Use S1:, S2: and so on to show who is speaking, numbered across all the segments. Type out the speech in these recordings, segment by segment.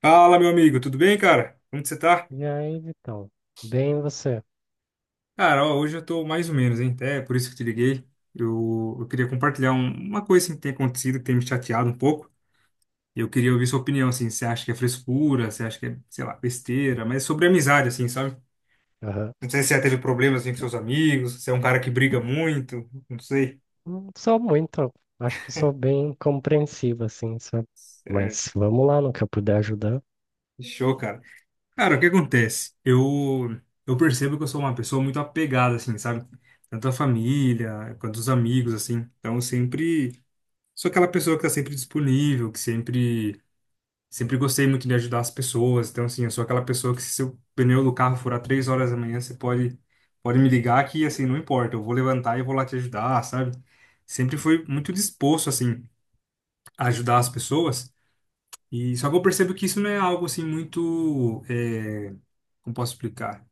S1: Fala, meu amigo, tudo bem, cara? Como que você tá?
S2: E aí, Vitão? Bem você?
S1: Cara, ó, hoje eu tô mais ou menos, hein? Até por isso que eu te liguei. Eu queria compartilhar uma coisa assim, que tem acontecido, que tem me chateado um pouco. E eu queria ouvir sua opinião, assim. Você acha que é frescura? Você acha que é, sei lá, besteira? Mas sobre amizade, assim, sabe?
S2: Aham.
S1: Não sei se você já teve problemas assim, com seus amigos, se é um cara que briga muito, não sei.
S2: Não sou muito. Acho que eu sou bem compreensivo, assim, sabe?
S1: É,
S2: Mas vamos lá, no que eu puder ajudar.
S1: show, cara. Cara, o que acontece? Eu percebo que eu sou uma pessoa muito apegada, assim, sabe? Tanto à família quanto aos amigos, assim. Então, eu sempre sou aquela pessoa que tá sempre disponível, que sempre, sempre gostei muito de ajudar as pessoas. Então, assim, eu sou aquela pessoa que se seu pneu do carro furar 3 horas da manhã, pode me ligar que, assim, não importa, eu vou levantar e vou lá te ajudar, sabe? Sempre fui muito disposto, assim, a ajudar as pessoas. E só que eu percebo que isso não é algo, assim, muito, como posso explicar?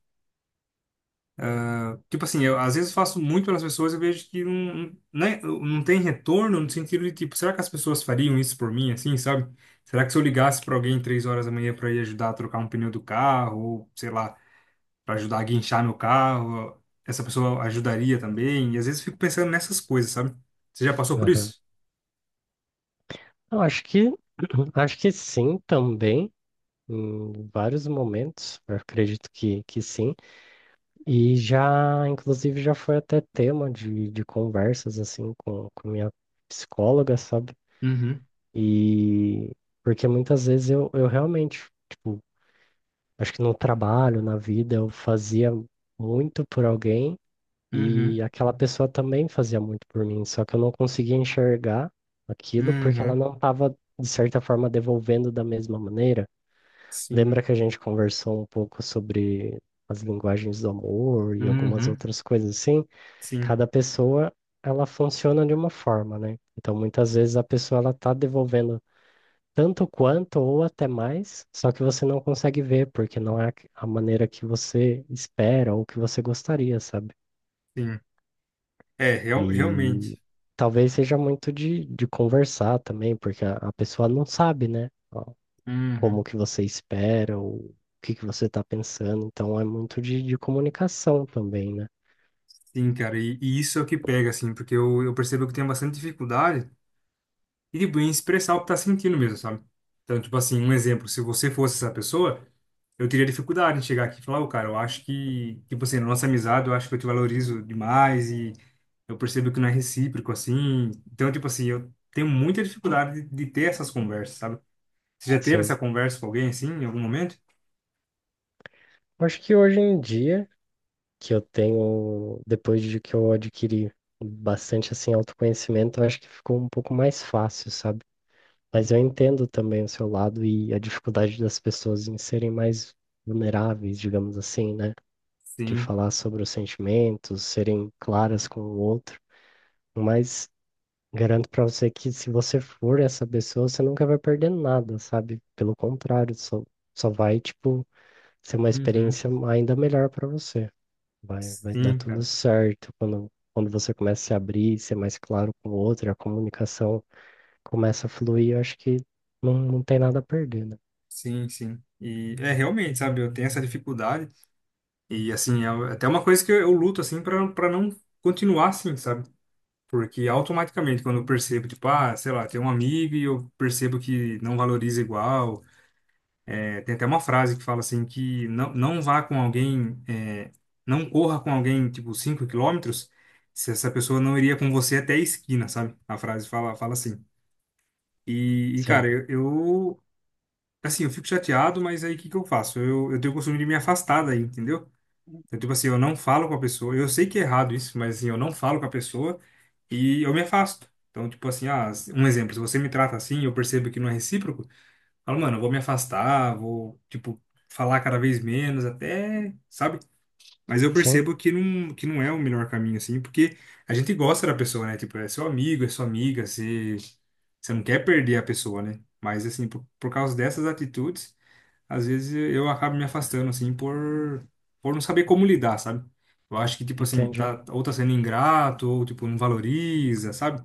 S1: Tipo assim, eu às vezes faço muito pelas pessoas eu vejo que não, né, não tem retorno no sentido de, tipo, será que as pessoas fariam isso por mim, assim, sabe? Será que se eu ligasse para alguém 3 horas da manhã para ir ajudar a trocar um pneu do carro, ou sei lá, para ajudar a guinchar meu carro, essa pessoa ajudaria também? E às vezes eu fico pensando nessas coisas, sabe? Você já passou por
S2: Aham.
S1: isso?
S2: Eu acho que, acho que sim também, em vários momentos. Eu acredito que sim. E já, inclusive, já foi até tema de conversas, assim, com minha psicóloga, sabe?
S1: Uhum,
S2: E porque muitas vezes eu realmente. Tipo, acho que no trabalho, na vida, eu fazia muito por alguém e
S1: uhum,
S2: aquela pessoa também fazia muito por mim, só que eu não conseguia enxergar aquilo porque ela
S1: uhum,
S2: não estava, de certa forma, devolvendo da mesma maneira.
S1: sim,
S2: Lembra que a gente conversou um pouco sobre as linguagens do amor e algumas
S1: uhum,
S2: outras coisas assim?
S1: sim,
S2: Cada pessoa, ela funciona de uma forma, né? Então, muitas vezes a pessoa ela está devolvendo tanto quanto ou até mais, só que você não consegue ver, porque não é a maneira que você espera ou que você gostaria, sabe?
S1: sim. É, real,
S2: E
S1: realmente.
S2: talvez seja muito de conversar também, porque a pessoa não sabe, né? Ó, como
S1: Uhum.
S2: que você espera ou o que que você está pensando. Então é muito de comunicação também, né?
S1: Sim, cara, e isso é o que pega, assim, porque eu percebo que tenho bastante dificuldade e, tipo, em expressar o que tá sentindo mesmo, sabe? Então, tipo assim, um exemplo, se você fosse essa pessoa, eu teria dificuldade em chegar aqui e falar, ô, cara, eu acho que, tipo assim, na nossa amizade, eu acho que eu te valorizo demais e eu percebo que não é recíproco, assim. Então, tipo assim, eu tenho muita dificuldade de ter essas conversas, sabe? Você já teve
S2: Sim.
S1: essa conversa com alguém, assim, em algum momento?
S2: Acho que hoje em dia, que eu tenho, depois de que eu adquiri bastante assim autoconhecimento, eu acho que ficou um pouco mais fácil, sabe? Mas eu entendo também o seu lado e a dificuldade das pessoas em serem mais vulneráveis, digamos assim, né? De
S1: Sim.
S2: falar sobre os sentimentos, serem claras com o outro. Mas garanto pra você que se você for essa pessoa, você nunca vai perder nada, sabe? Pelo contrário, só, só vai, tipo, ser uma
S1: Uhum.
S2: experiência ainda melhor pra você. Vai, vai dar
S1: Sim,
S2: tudo
S1: cara.
S2: certo quando, quando você começa a se abrir, ser mais claro com o outro, a comunicação começa a fluir, eu acho que não, não tem nada a perder, né?
S1: Sim, sim. E é realmente, sabe, eu tenho essa dificuldade. E assim, é até uma coisa que eu luto assim para não continuar assim, sabe? Porque automaticamente quando eu percebo, tipo, ah, sei lá, tem um amigo e eu percebo que não valoriza igual. É, tem até uma frase que fala assim que não, não vá com alguém, não corra com alguém, tipo, 5 quilômetros, se essa pessoa não iria com você até a esquina, sabe? A frase fala, fala assim. E, e, cara,
S2: Sim,
S1: eu, eu, assim, eu fico chateado, mas aí o que que eu faço? Eu tenho o costume de me afastar daí, entendeu? Então, tipo assim, eu não falo com a pessoa. Eu sei que é errado isso, mas assim, eu não falo com a pessoa e eu me afasto. Então, tipo assim, ah, um exemplo, se você me trata assim, e eu percebo que não é recíproco, eu falo, mano, eu vou me afastar, vou, tipo, falar cada vez menos, até, sabe? Mas eu
S2: sim,
S1: percebo que não é o melhor caminho, assim, porque a gente gosta da pessoa, né? Tipo, é seu amigo, é sua amiga, você, você não quer perder a pessoa, né? Mas, assim, por causa dessas atitudes às vezes eu acabo me afastando, assim, por não saber como lidar, sabe? Eu acho que, tipo assim,
S2: entendi.
S1: tá, ou tá sendo ingrato, ou, tipo, não valoriza, sabe?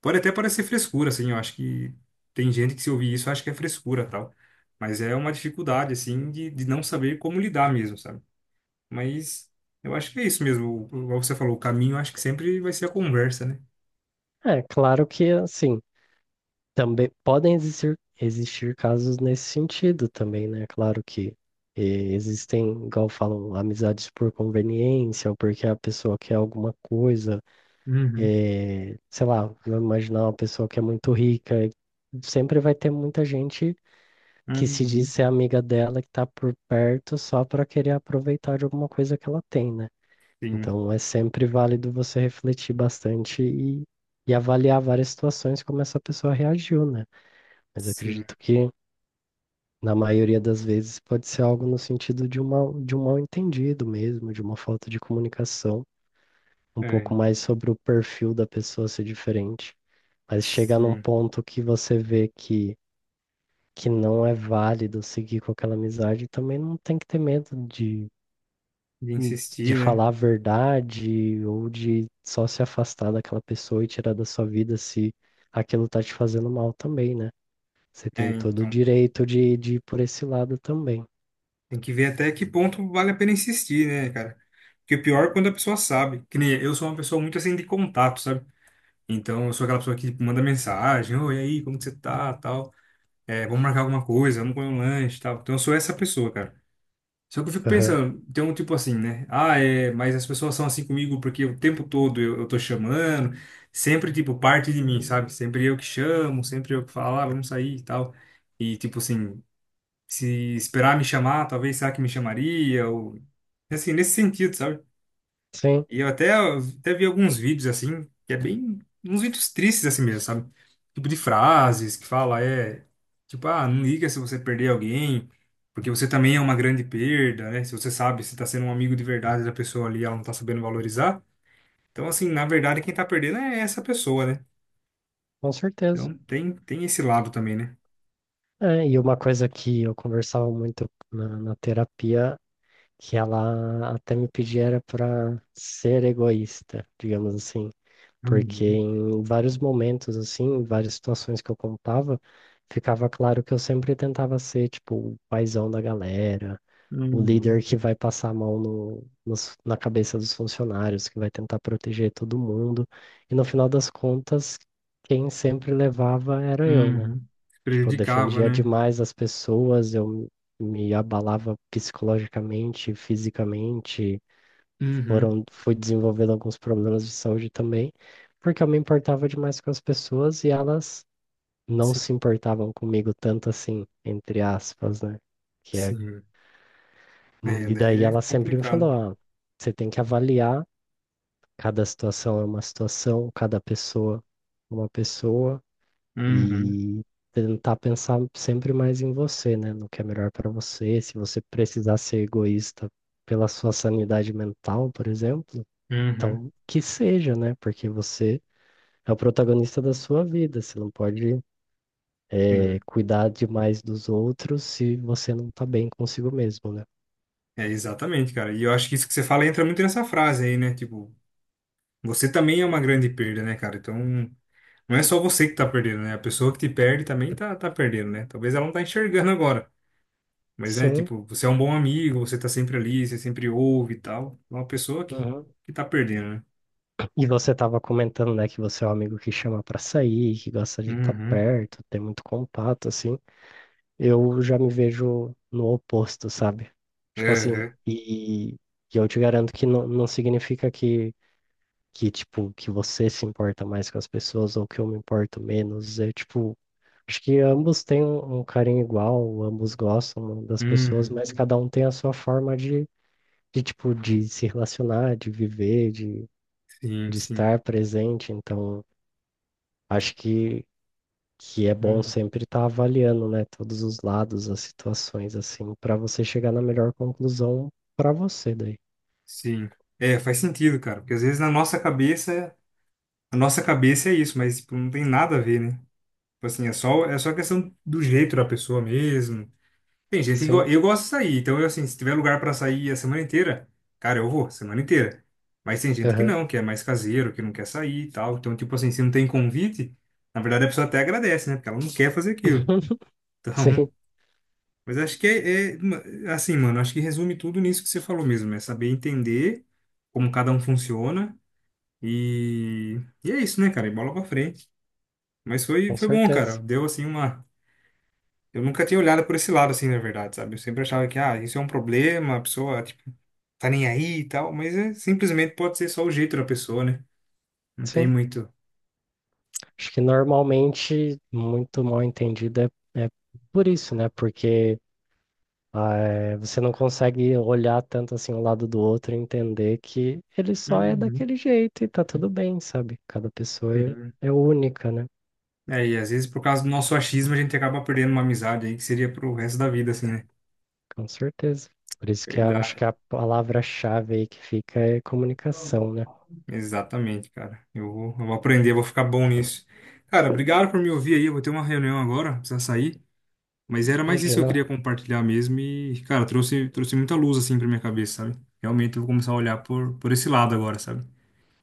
S1: Pode até parecer frescura, assim, eu acho que tem gente que se ouvir isso acha que é frescura, tal. Mas é uma dificuldade, assim, de não saber como lidar mesmo, sabe? Mas eu acho que é isso mesmo. O- Igual você falou, o caminho, eu acho que sempre vai ser a conversa, né?
S2: É claro que assim, também podem existir, existir casos nesse sentido também, né? Claro que eh, existem, igual falam, amizades por conveniência, ou porque a pessoa quer alguma coisa,
S1: Uhum,
S2: sei lá, vou imaginar uma pessoa que é muito rica, e sempre vai ter muita gente que se diz
S1: uhum.
S2: ser amiga dela, que tá por perto só para querer aproveitar de alguma coisa que ela tem, né?
S1: Sim,
S2: Então é sempre válido você refletir bastante e avaliar várias situações como essa pessoa reagiu, né? Mas eu
S1: sim,
S2: acredito que na maioria das vezes pode ser algo no sentido de um mal, de um mal-entendido mesmo, de uma falta de comunicação, um
S1: é,
S2: pouco mais sobre o perfil da pessoa ser diferente. Mas chegar num
S1: sim.
S2: ponto que você vê que não é válido seguir com aquela amizade, também não tem que ter medo
S1: De
S2: hum, de
S1: insistir, né?
S2: falar a verdade ou de só se afastar daquela pessoa e tirar da sua vida se aquilo tá te fazendo mal também, né? Você
S1: É,
S2: tem todo o
S1: então
S2: direito de ir por esse lado também.
S1: tem que ver até que ponto vale a pena insistir, né, cara? Porque o pior é quando a pessoa sabe. Que nem eu sou uma pessoa muito assim de contato, sabe? Então eu sou aquela pessoa que manda mensagem, oi, e aí, como que você tá, tal. É, vamos marcar alguma coisa, vamos comer um lanche, tal. Então eu sou essa pessoa, cara. Só que eu fico
S2: Aham.
S1: pensando, tem um tipo assim, né? Ah, é, mas as pessoas são assim comigo porque o tempo todo eu tô chamando, sempre, tipo, parte de mim, sabe? Sempre eu que chamo, sempre eu que falo, ah, vamos sair e tal. E, tipo assim, se esperar me chamar, talvez será que me chamaria? Ou... Assim, nesse sentido, sabe?
S2: Sim,
S1: E eu até vi alguns vídeos assim, que é bem. Uns vídeos tristes assim mesmo, sabe? Tipo de frases que fala, é. Tipo, ah, não liga se você perder alguém, porque você também é uma grande perda, né? Se você sabe, se tá sendo um amigo de verdade da pessoa ali, ela não tá sabendo valorizar. Então, assim, na verdade, quem tá perdendo é essa pessoa, né?
S2: com certeza.
S1: Então, tem esse lado também, né?
S2: É, e uma coisa que eu conversava muito na, na terapia, que ela até me pedia era para ser egoísta, digamos assim. Porque
S1: Uhum,
S2: em vários momentos, assim, em várias situações que eu contava, ficava claro que eu sempre tentava ser, tipo, o paizão da galera, o
S1: uhum,
S2: líder que vai passar a mão no, nos- na cabeça dos funcionários, que vai tentar proteger todo mundo. E no final das contas, quem sempre levava era eu, né?
S1: uhum.
S2: Tipo, eu
S1: Prejudicava,
S2: defendia
S1: né?
S2: demais as pessoas, eu me abalava psicologicamente, fisicamente,
S1: Uhum.
S2: foram, fui desenvolvendo alguns problemas de saúde também, porque eu me importava demais com as pessoas e elas não
S1: Sim,
S2: se importavam comigo tanto assim, entre aspas, né? Que é,
S1: sim. É,
S2: e
S1: daí
S2: daí
S1: é
S2: ela sempre me
S1: complicado.
S2: falou, ah, você tem que avaliar, cada situação é uma situação, cada pessoa é uma pessoa,
S1: Uhum,
S2: e tentar pensar sempre mais em você, né? No que é melhor para você, se você precisar ser egoísta pela sua sanidade mental, por exemplo,
S1: uhum,
S2: então, que seja, né? Porque você é o protagonista da sua vida. Você não pode,
S1: sim.
S2: cuidar demais dos outros se você não tá bem consigo mesmo, né?
S1: É, exatamente, cara. E eu acho que isso que você fala entra muito nessa frase aí, né? Tipo, você também é uma grande perda, né, cara? Então, não é só você que tá perdendo, né? A pessoa que te perde também tá, tá perdendo, né? Talvez ela não tá enxergando agora. Mas, né,
S2: Sim.
S1: tipo, você é um bom amigo, você tá sempre ali, você sempre ouve e tal. É uma pessoa
S2: Uhum.
S1: que tá perdendo, né?
S2: E você tava comentando, né, que você é um amigo que chama pra sair, que gosta de estar
S1: Uhum.
S2: perto, ter muito contato, assim. Eu já me vejo no oposto, sabe? Tipo assim,
S1: Uhum.
S2: e eu te garanto que não, não significa que, tipo, que você se importa mais com as pessoas ou que eu me importo menos. É, tipo, acho que ambos têm um carinho igual, ambos gostam das pessoas,
S1: Uhum.
S2: mas cada um tem a sua forma de tipo, de se relacionar, de viver,
S1: Sim,
S2: de
S1: sim.
S2: estar presente. Então, acho que é bom
S1: Uhum.
S2: sempre estar avaliando, né, todos os lados, as situações, assim, para você chegar na melhor conclusão para você daí.
S1: Sim. É, faz sentido, cara. Porque às vezes na nossa cabeça a nossa cabeça é isso, mas tipo, não tem nada a ver, né? Tipo assim, é só questão do jeito da pessoa mesmo. Tem gente que
S2: Sim,
S1: eu gosto de sair, então eu assim, se tiver lugar pra sair a semana inteira, cara, eu vou, a semana inteira. Mas tem gente que
S2: aham.
S1: não, que é mais caseiro, que não quer sair e tal. Então, tipo assim, se não tem convite, na verdade a pessoa até agradece, né? Porque ela não quer fazer aquilo. Então,
S2: Sim,
S1: mas acho que assim, mano, acho que resume tudo nisso que você falou mesmo, é saber entender como cada um funciona e é isso, né, cara? E bola pra frente. Mas
S2: com
S1: foi bom, cara.
S2: certeza.
S1: Deu assim uma. Eu nunca tinha olhado por esse lado, assim, na verdade, sabe? Eu sempre achava que, ah, isso é um problema, a pessoa, tipo, tá nem aí e tal, mas é, simplesmente pode ser só o jeito da pessoa, né? Não tem
S2: Sim,
S1: muito.
S2: acho que normalmente muito mal entendido é, é por isso, né? Porque ah, é, você não consegue olhar tanto assim um lado do outro e entender que ele só é
S1: Uhum.
S2: daquele jeito e tá tudo bem, sabe? Cada pessoa
S1: Sim.
S2: é, é única, né?
S1: É, e às vezes por causa do nosso achismo a gente acaba perdendo uma amizade aí que seria pro resto da vida, assim, né?
S2: Com certeza. Por isso que a- acho
S1: Verdade.
S2: que a palavra-chave aí que fica é comunicação, né?
S1: Exatamente, cara. Eu vou aprender, vou ficar bom nisso. Cara, obrigado por me ouvir aí. Eu vou ter uma reunião agora, precisa sair. Mas era mais isso que eu
S2: Imagina,
S1: queria compartilhar mesmo e, cara, trouxe muita luz assim pra minha cabeça, sabe? Realmente eu vou começar a olhar por esse lado agora, sabe?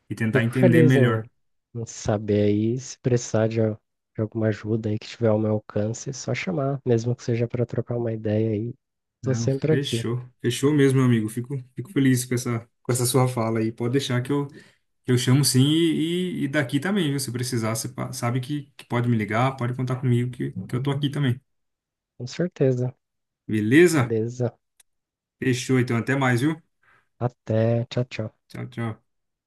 S1: E tentar
S2: fico
S1: entender
S2: feliz em,
S1: melhor.
S2: em saber aí, se precisar de, al- de alguma ajuda aí que tiver ao meu alcance, é só chamar, mesmo que seja para trocar uma ideia aí. Tô
S1: Não,
S2: sempre aqui,
S1: fechou. Fechou mesmo, meu amigo. Fico feliz com essa sua fala aí. Pode deixar que eu chamo sim e daqui também, viu? Se precisar, sabe que pode me ligar, pode contar comigo que eu tô aqui também.
S2: com certeza.
S1: Beleza?
S2: Beleza.
S1: Fechou, então. Até mais, viu?
S2: Até, tchau, tchau.
S1: Tchau, tchau.